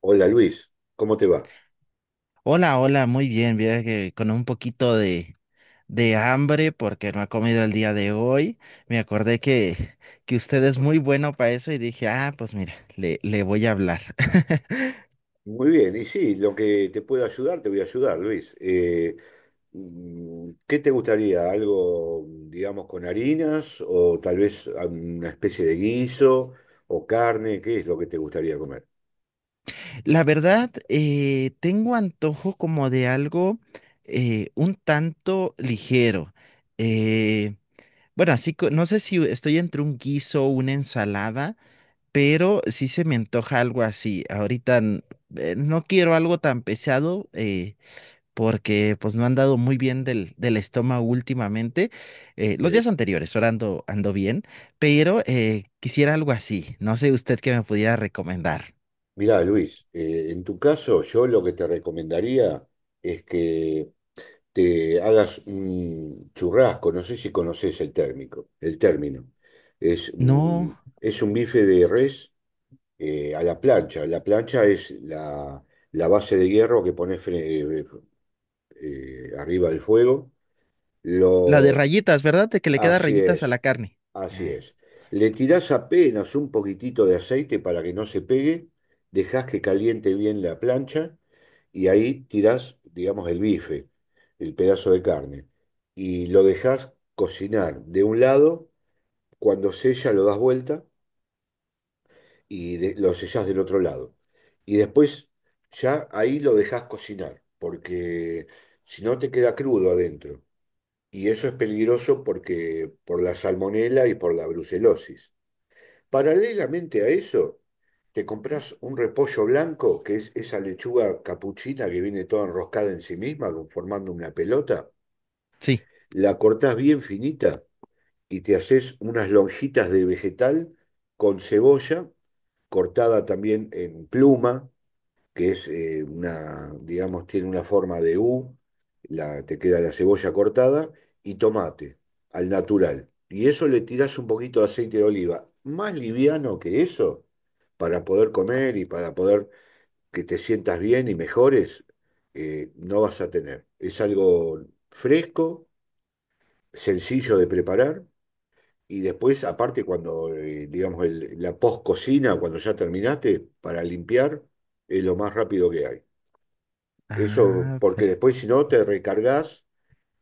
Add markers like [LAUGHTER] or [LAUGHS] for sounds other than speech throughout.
Hola Luis, ¿cómo te va? Hola, muy bien. Mira que con un poquito de hambre porque no he comido el día de hoy. Me acordé que usted es muy bueno para eso y dije, ah, pues mira, le voy a hablar. [LAUGHS] Muy bien, y sí, lo que te puedo ayudar, te voy a ayudar, Luis. ¿Qué te gustaría? ¿Algo, digamos, con harinas o tal vez una especie de guiso o carne? ¿Qué es lo que te gustaría comer? La verdad, tengo antojo como de algo un tanto ligero. Eh, bueno, no sé si estoy entre un guiso o una ensalada, pero sí se me antoja algo así. No quiero algo tan pesado. Porque pues no han dado muy bien del estómago últimamente. Los Eh, días anteriores, ahora ando bien, pero quisiera algo así. No sé usted qué me pudiera recomendar. Mirá, Luis, en tu caso yo lo que te recomendaría es que te hagas un churrasco, no sé si conoces el término. Es, mm, No, es un bife de res a la plancha. La plancha es la base de hierro que pones arriba del fuego. la de Lo, rayitas, ¿verdad? De que le queda Así rayitas a la es, carne. así Ah, es. Le tirás apenas un poquitito de aceite para que no se pegue, dejás que caliente bien la plancha y ahí tirás, digamos, el bife, el pedazo de carne, y lo dejás cocinar de un lado, cuando sella lo das vuelta y lo sellás del otro lado. Y después ya ahí lo dejás cocinar, porque si no te queda crudo adentro. Y eso es peligroso porque por la salmonela y por la brucelosis. Paralelamente a eso, te compras un repollo blanco, que es esa lechuga capuchina que viene toda enroscada en sí misma, como formando una pelota. sí. La cortás bien finita y te haces unas lonjitas de vegetal con cebolla cortada también en pluma, que es una, digamos, tiene una forma de U, te queda la cebolla cortada y tomate al natural. Y eso le tirás un poquito de aceite de oliva, más liviano que eso, para poder comer y para poder que te sientas bien y mejores, no vas a tener. Es algo fresco, sencillo de preparar. Y después, aparte, cuando, digamos, la post-cocina, cuando ya terminaste, para limpiar, es lo más rápido que hay. Eso, Ah, porque pero... después si no te recargas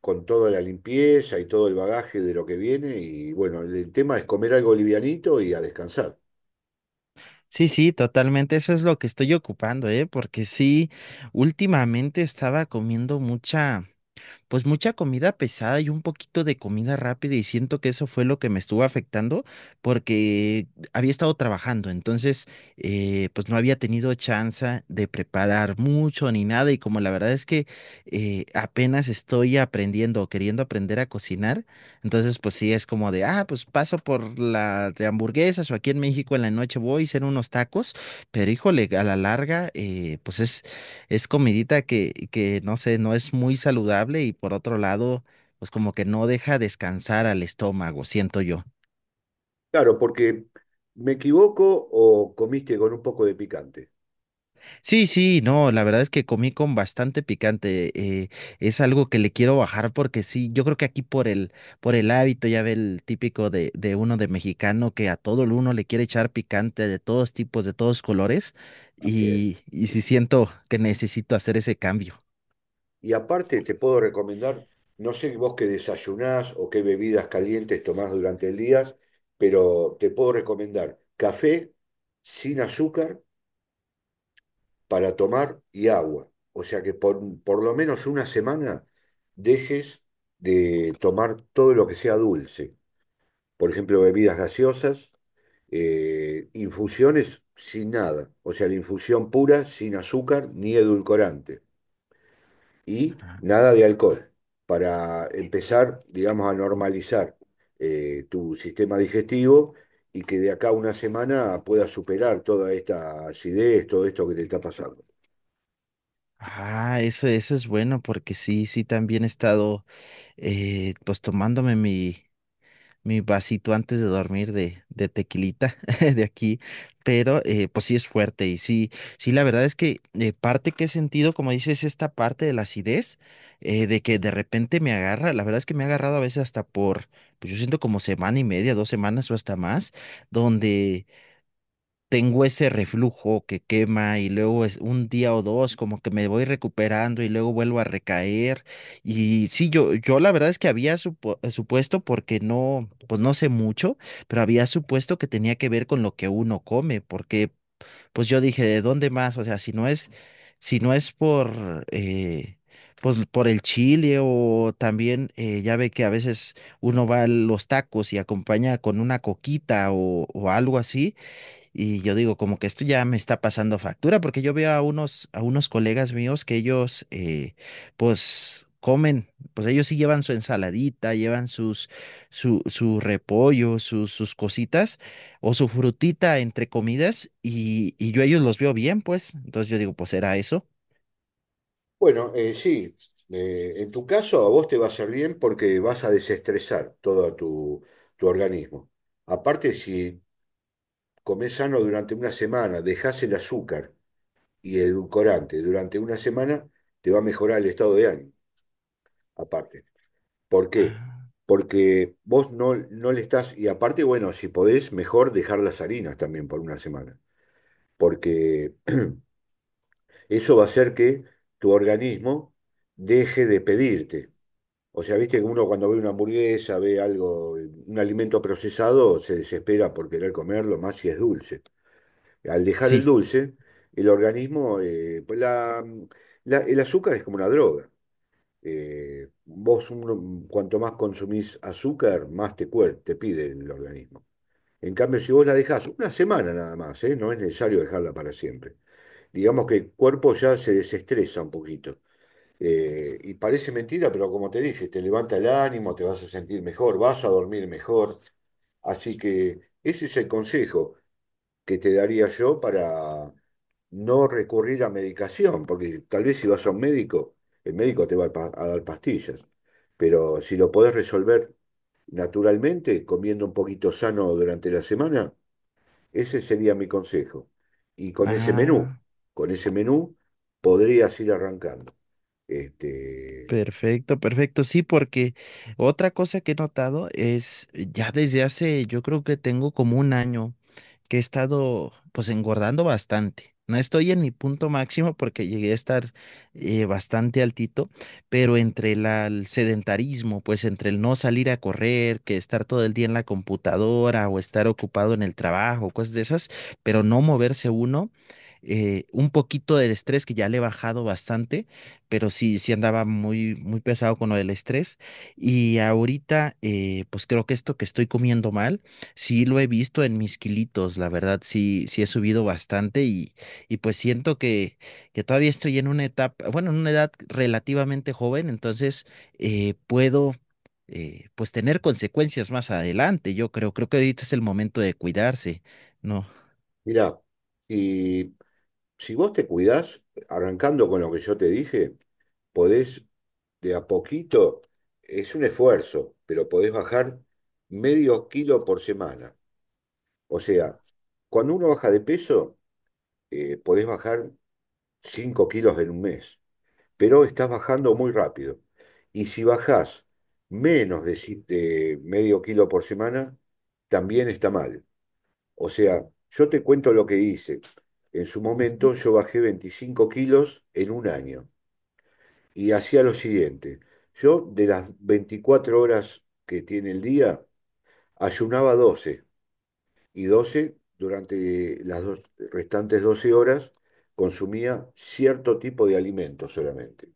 con toda la limpieza y todo el bagaje de lo que viene y bueno, el tema es comer algo livianito y a descansar. Sí, sí, totalmente. Eso es lo que estoy ocupando, ¿eh? Porque sí, últimamente estaba comiendo mucha... pues mucha comida pesada y un poquito de comida rápida y siento que eso fue lo que me estuvo afectando porque había estado trabajando, entonces pues no había tenido chance de preparar mucho ni nada y como la verdad es que apenas estoy aprendiendo o queriendo aprender a cocinar, entonces pues sí es como de, ah, pues paso por la de hamburguesas o aquí en México en la noche voy a hacer unos tacos, pero híjole, a la larga pues es comidita que, no sé, no es muy saludable y por otro lado, pues como que no deja descansar al estómago, siento yo. Claro, porque me equivoco o comiste con un poco de picante. Sí, sí, no, la verdad es que comí con bastante picante. eh, es algo que le quiero bajar porque sí, yo creo que aquí por por el hábito, ya ve el típico de uno de mexicano que a todo el uno le quiere echar picante de todos tipos, de todos colores, Así es. Y sí siento que necesito hacer ese cambio. Y aparte te puedo recomendar, no sé vos qué desayunás o qué bebidas calientes tomás durante el día, pero te puedo recomendar café sin azúcar para tomar y agua. O sea que por lo menos una semana dejes de tomar todo lo que sea dulce. Por ejemplo, bebidas gaseosas, infusiones sin nada. O sea, la infusión pura, sin azúcar ni edulcorante. Y Ah. nada de alcohol, para empezar, digamos, a normalizar tu sistema digestivo y que de acá a una semana puedas superar toda esta acidez, todo esto que te está pasando. Ah, eso es bueno porque sí, sí, también he estado pues tomándome mi vasito antes de dormir de tequilita [LAUGHS] de aquí, pero pues sí es fuerte y sí, sí, la verdad es que parte que he sentido, como dices, esta parte de la acidez, de que de repente me agarra, la verdad es que me ha agarrado a veces hasta por, pues yo siento como semana y media, dos semanas o hasta más, donde tengo ese reflujo que quema y luego es un día o dos como que me voy recuperando y luego vuelvo a recaer. Y sí, yo la verdad es que supuesto, porque no, pues no sé mucho, pero había supuesto que tenía que ver con lo que uno come, porque pues yo dije, ¿de dónde más? O sea, si no es, si no es por... pues por el chile o también ya ve que a veces uno va a los tacos y acompaña con una coquita o algo así. Y yo digo, como que esto ya me está pasando factura, porque yo veo a a unos colegas míos que ellos, pues, comen, pues ellos sí llevan su ensaladita, su repollo, sus cositas, o su frutita entre comidas, y yo a ellos los veo bien, pues. Entonces yo digo, pues, ¿era eso? Bueno, sí, en tu caso a vos te va a hacer bien porque vas a desestresar todo tu organismo. Aparte, si comés sano durante una semana, dejás el azúcar y edulcorante durante una semana, te va a mejorar el estado de ánimo, aparte. ¿Por qué? Ah. Porque vos no le estás, y aparte, bueno, si podés, mejor dejar las harinas también por una semana, porque eso va a hacer que tu organismo deje de pedirte. O sea, viste que uno cuando ve una hamburguesa, ve algo, un alimento procesado, se desespera por querer comerlo, más si es dulce. Al dejar el Sí. dulce, el organismo, pues el azúcar es como una droga. Vos cuanto más consumís azúcar, más te pide el organismo. En cambio, si vos la dejás una semana nada más, ¿eh? No es necesario dejarla para siempre. Digamos que el cuerpo ya se desestresa un poquito. Y parece mentira, pero como te dije, te levanta el ánimo, te vas a sentir mejor, vas a dormir mejor. Así que ese es el consejo que te daría yo para no recurrir a medicación, porque tal vez si vas a un médico, el médico te va a a dar pastillas, pero si lo podés resolver naturalmente, comiendo un poquito sano durante la semana, ese sería mi consejo. Y con ese menú, Ah. con ese menú podrías ir arrancando. Este, Perfecto, perfecto. Sí, porque otra cosa que he notado es ya desde hace, yo creo que tengo como un año que he estado pues engordando bastante. No estoy en mi punto máximo porque llegué a estar bastante altito, pero entre el sedentarismo, pues entre el no salir a correr, que estar todo el día en la computadora o estar ocupado en el trabajo, cosas de esas, pero no moverse uno, un poquito del estrés que ya le he bajado bastante pero sí, sí andaba muy pesado con lo del estrés. Y ahorita, pues creo que esto que estoy comiendo mal, sí lo he visto en mis kilitos, la verdad, sí, sí he subido bastante y pues siento que todavía estoy en una etapa, bueno, en una edad relativamente joven, entonces puedo... pues tener consecuencias más adelante, yo creo, creo que ahorita es el momento de cuidarse, ¿no? Mirá, y si vos te cuidás, arrancando con lo que yo te dije, podés de a poquito, es un esfuerzo, pero podés bajar medio kilo por semana. O sea, cuando uno baja de peso, podés bajar 5 kilos en un mes, pero estás bajando muy rápido. Y si bajás menos de, si- de medio kilo por semana, también está mal. O sea, yo te cuento lo que hice. En su Ujú. momento yo bajé 25 kilos en un año y hacía S- lo siguiente. Yo de las 24 horas que tiene el día, ayunaba 12 y 12 durante las restantes 12 horas consumía cierto tipo de alimento solamente.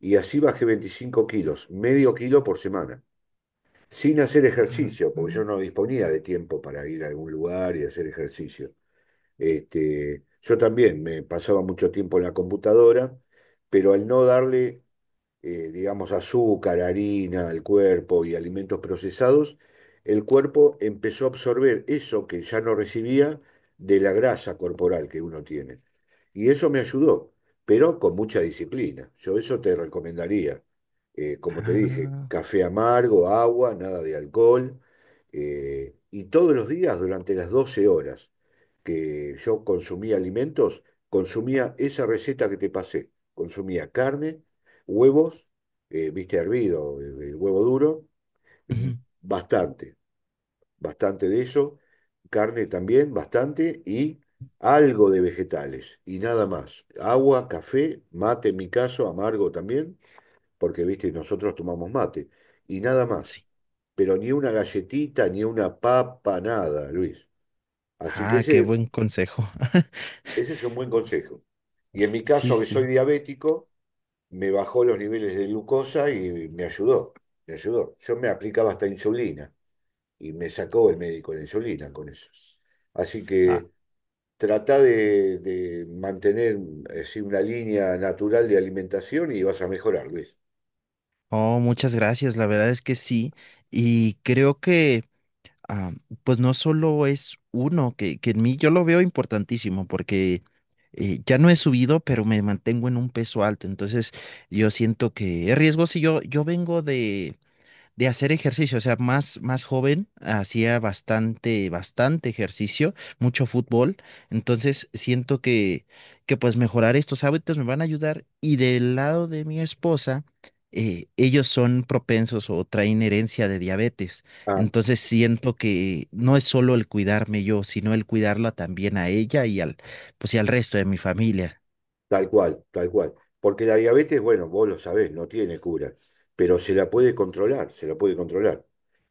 Y así bajé 25 kilos, medio kilo por semana, sin hacer ajá, ejercicio, porque yo no disponía de tiempo para ir a algún lugar y hacer ejercicio. Yo también me pasaba mucho tiempo en la computadora, pero al no darle digamos, azúcar, harina al cuerpo y alimentos procesados, el cuerpo empezó a absorber eso que ya no recibía de la grasa corporal que uno tiene. Y eso me ayudó, pero con mucha disciplina. Yo eso te recomendaría. Como te dije, ah, café amargo, agua, nada de alcohol, y todos los días durante las 12 horas que yo consumía alimentos, consumía esa receta que te pasé. Consumía carne, huevos, viste, hervido, el huevo duro, ujú, bastante, bastante de eso, carne también, bastante, y algo de vegetales, y nada más. Agua, café, mate en mi caso, amargo también, porque, viste, nosotros tomamos mate, y nada sí. más. Pero ni una galletita, ni una papa, nada, Luis. Así que Ah, qué ese, buen consejo. [LAUGHS] ese es un buen consejo. Y en mi Sí, caso, que soy sí. diabético, me bajó los niveles de glucosa y me ayudó, me ayudó. Yo me aplicaba hasta insulina y me sacó el médico la insulina con eso. Así Ah. que trata de mantener así una línea natural de alimentación y vas a mejorar, Luis. Oh, muchas gracias. La verdad es que sí. Y creo que, ah, pues no solo es uno, que en mí yo lo veo importantísimo porque ya no he subido, pero me mantengo en un peso alto. Entonces, yo siento que es riesgo si yo vengo de hacer ejercicio, o sea, más joven hacía bastante ejercicio, mucho fútbol, entonces siento que pues mejorar estos hábitos me van a ayudar y del lado de mi esposa, ellos son propensos o traen herencia de diabetes, Ah, entonces siento que no es solo el cuidarme yo, sino el cuidarla también a ella pues y al resto de mi familia. tal cual, tal cual. Porque la diabetes, bueno, vos lo sabés, no tiene cura, pero se la puede controlar, se la puede controlar.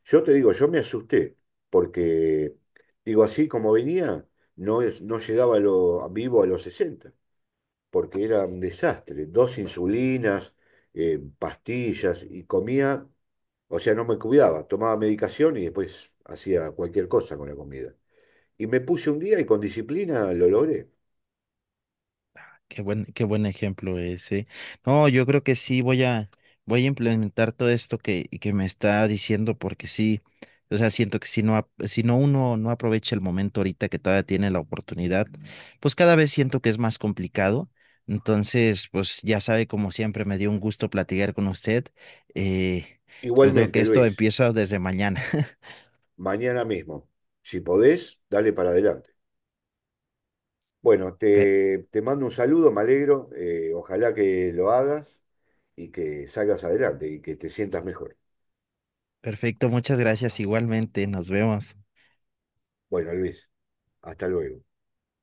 Yo te digo, yo me asusté, porque, digo, así como venía, no, no llegaba a a vivo a los 60 porque era un desastre. Dos insulinas, pastillas, y comía, o sea, no me cuidaba, tomaba medicación y después hacía cualquier cosa con la comida. Y me puse un día y con disciplina lo logré. Qué buen ejemplo ese. No, yo creo que sí voy a implementar todo esto que me está diciendo, porque sí, o sea, siento que si no, si no uno no aprovecha el momento ahorita que todavía tiene la oportunidad, pues cada vez siento que es más complicado. Entonces, pues ya sabe, como siempre, me dio un gusto platicar con usted. Eh, yo creo Igualmente, que esto Luis. empieza desde mañana. [LAUGHS] Mañana mismo. Si podés, dale para adelante. Bueno, Per- te mando un saludo, me alegro. Ojalá que lo hagas y que salgas adelante y que te sientas mejor. perfecto, muchas gracias igualmente, nos vemos. Bueno, Luis, hasta luego.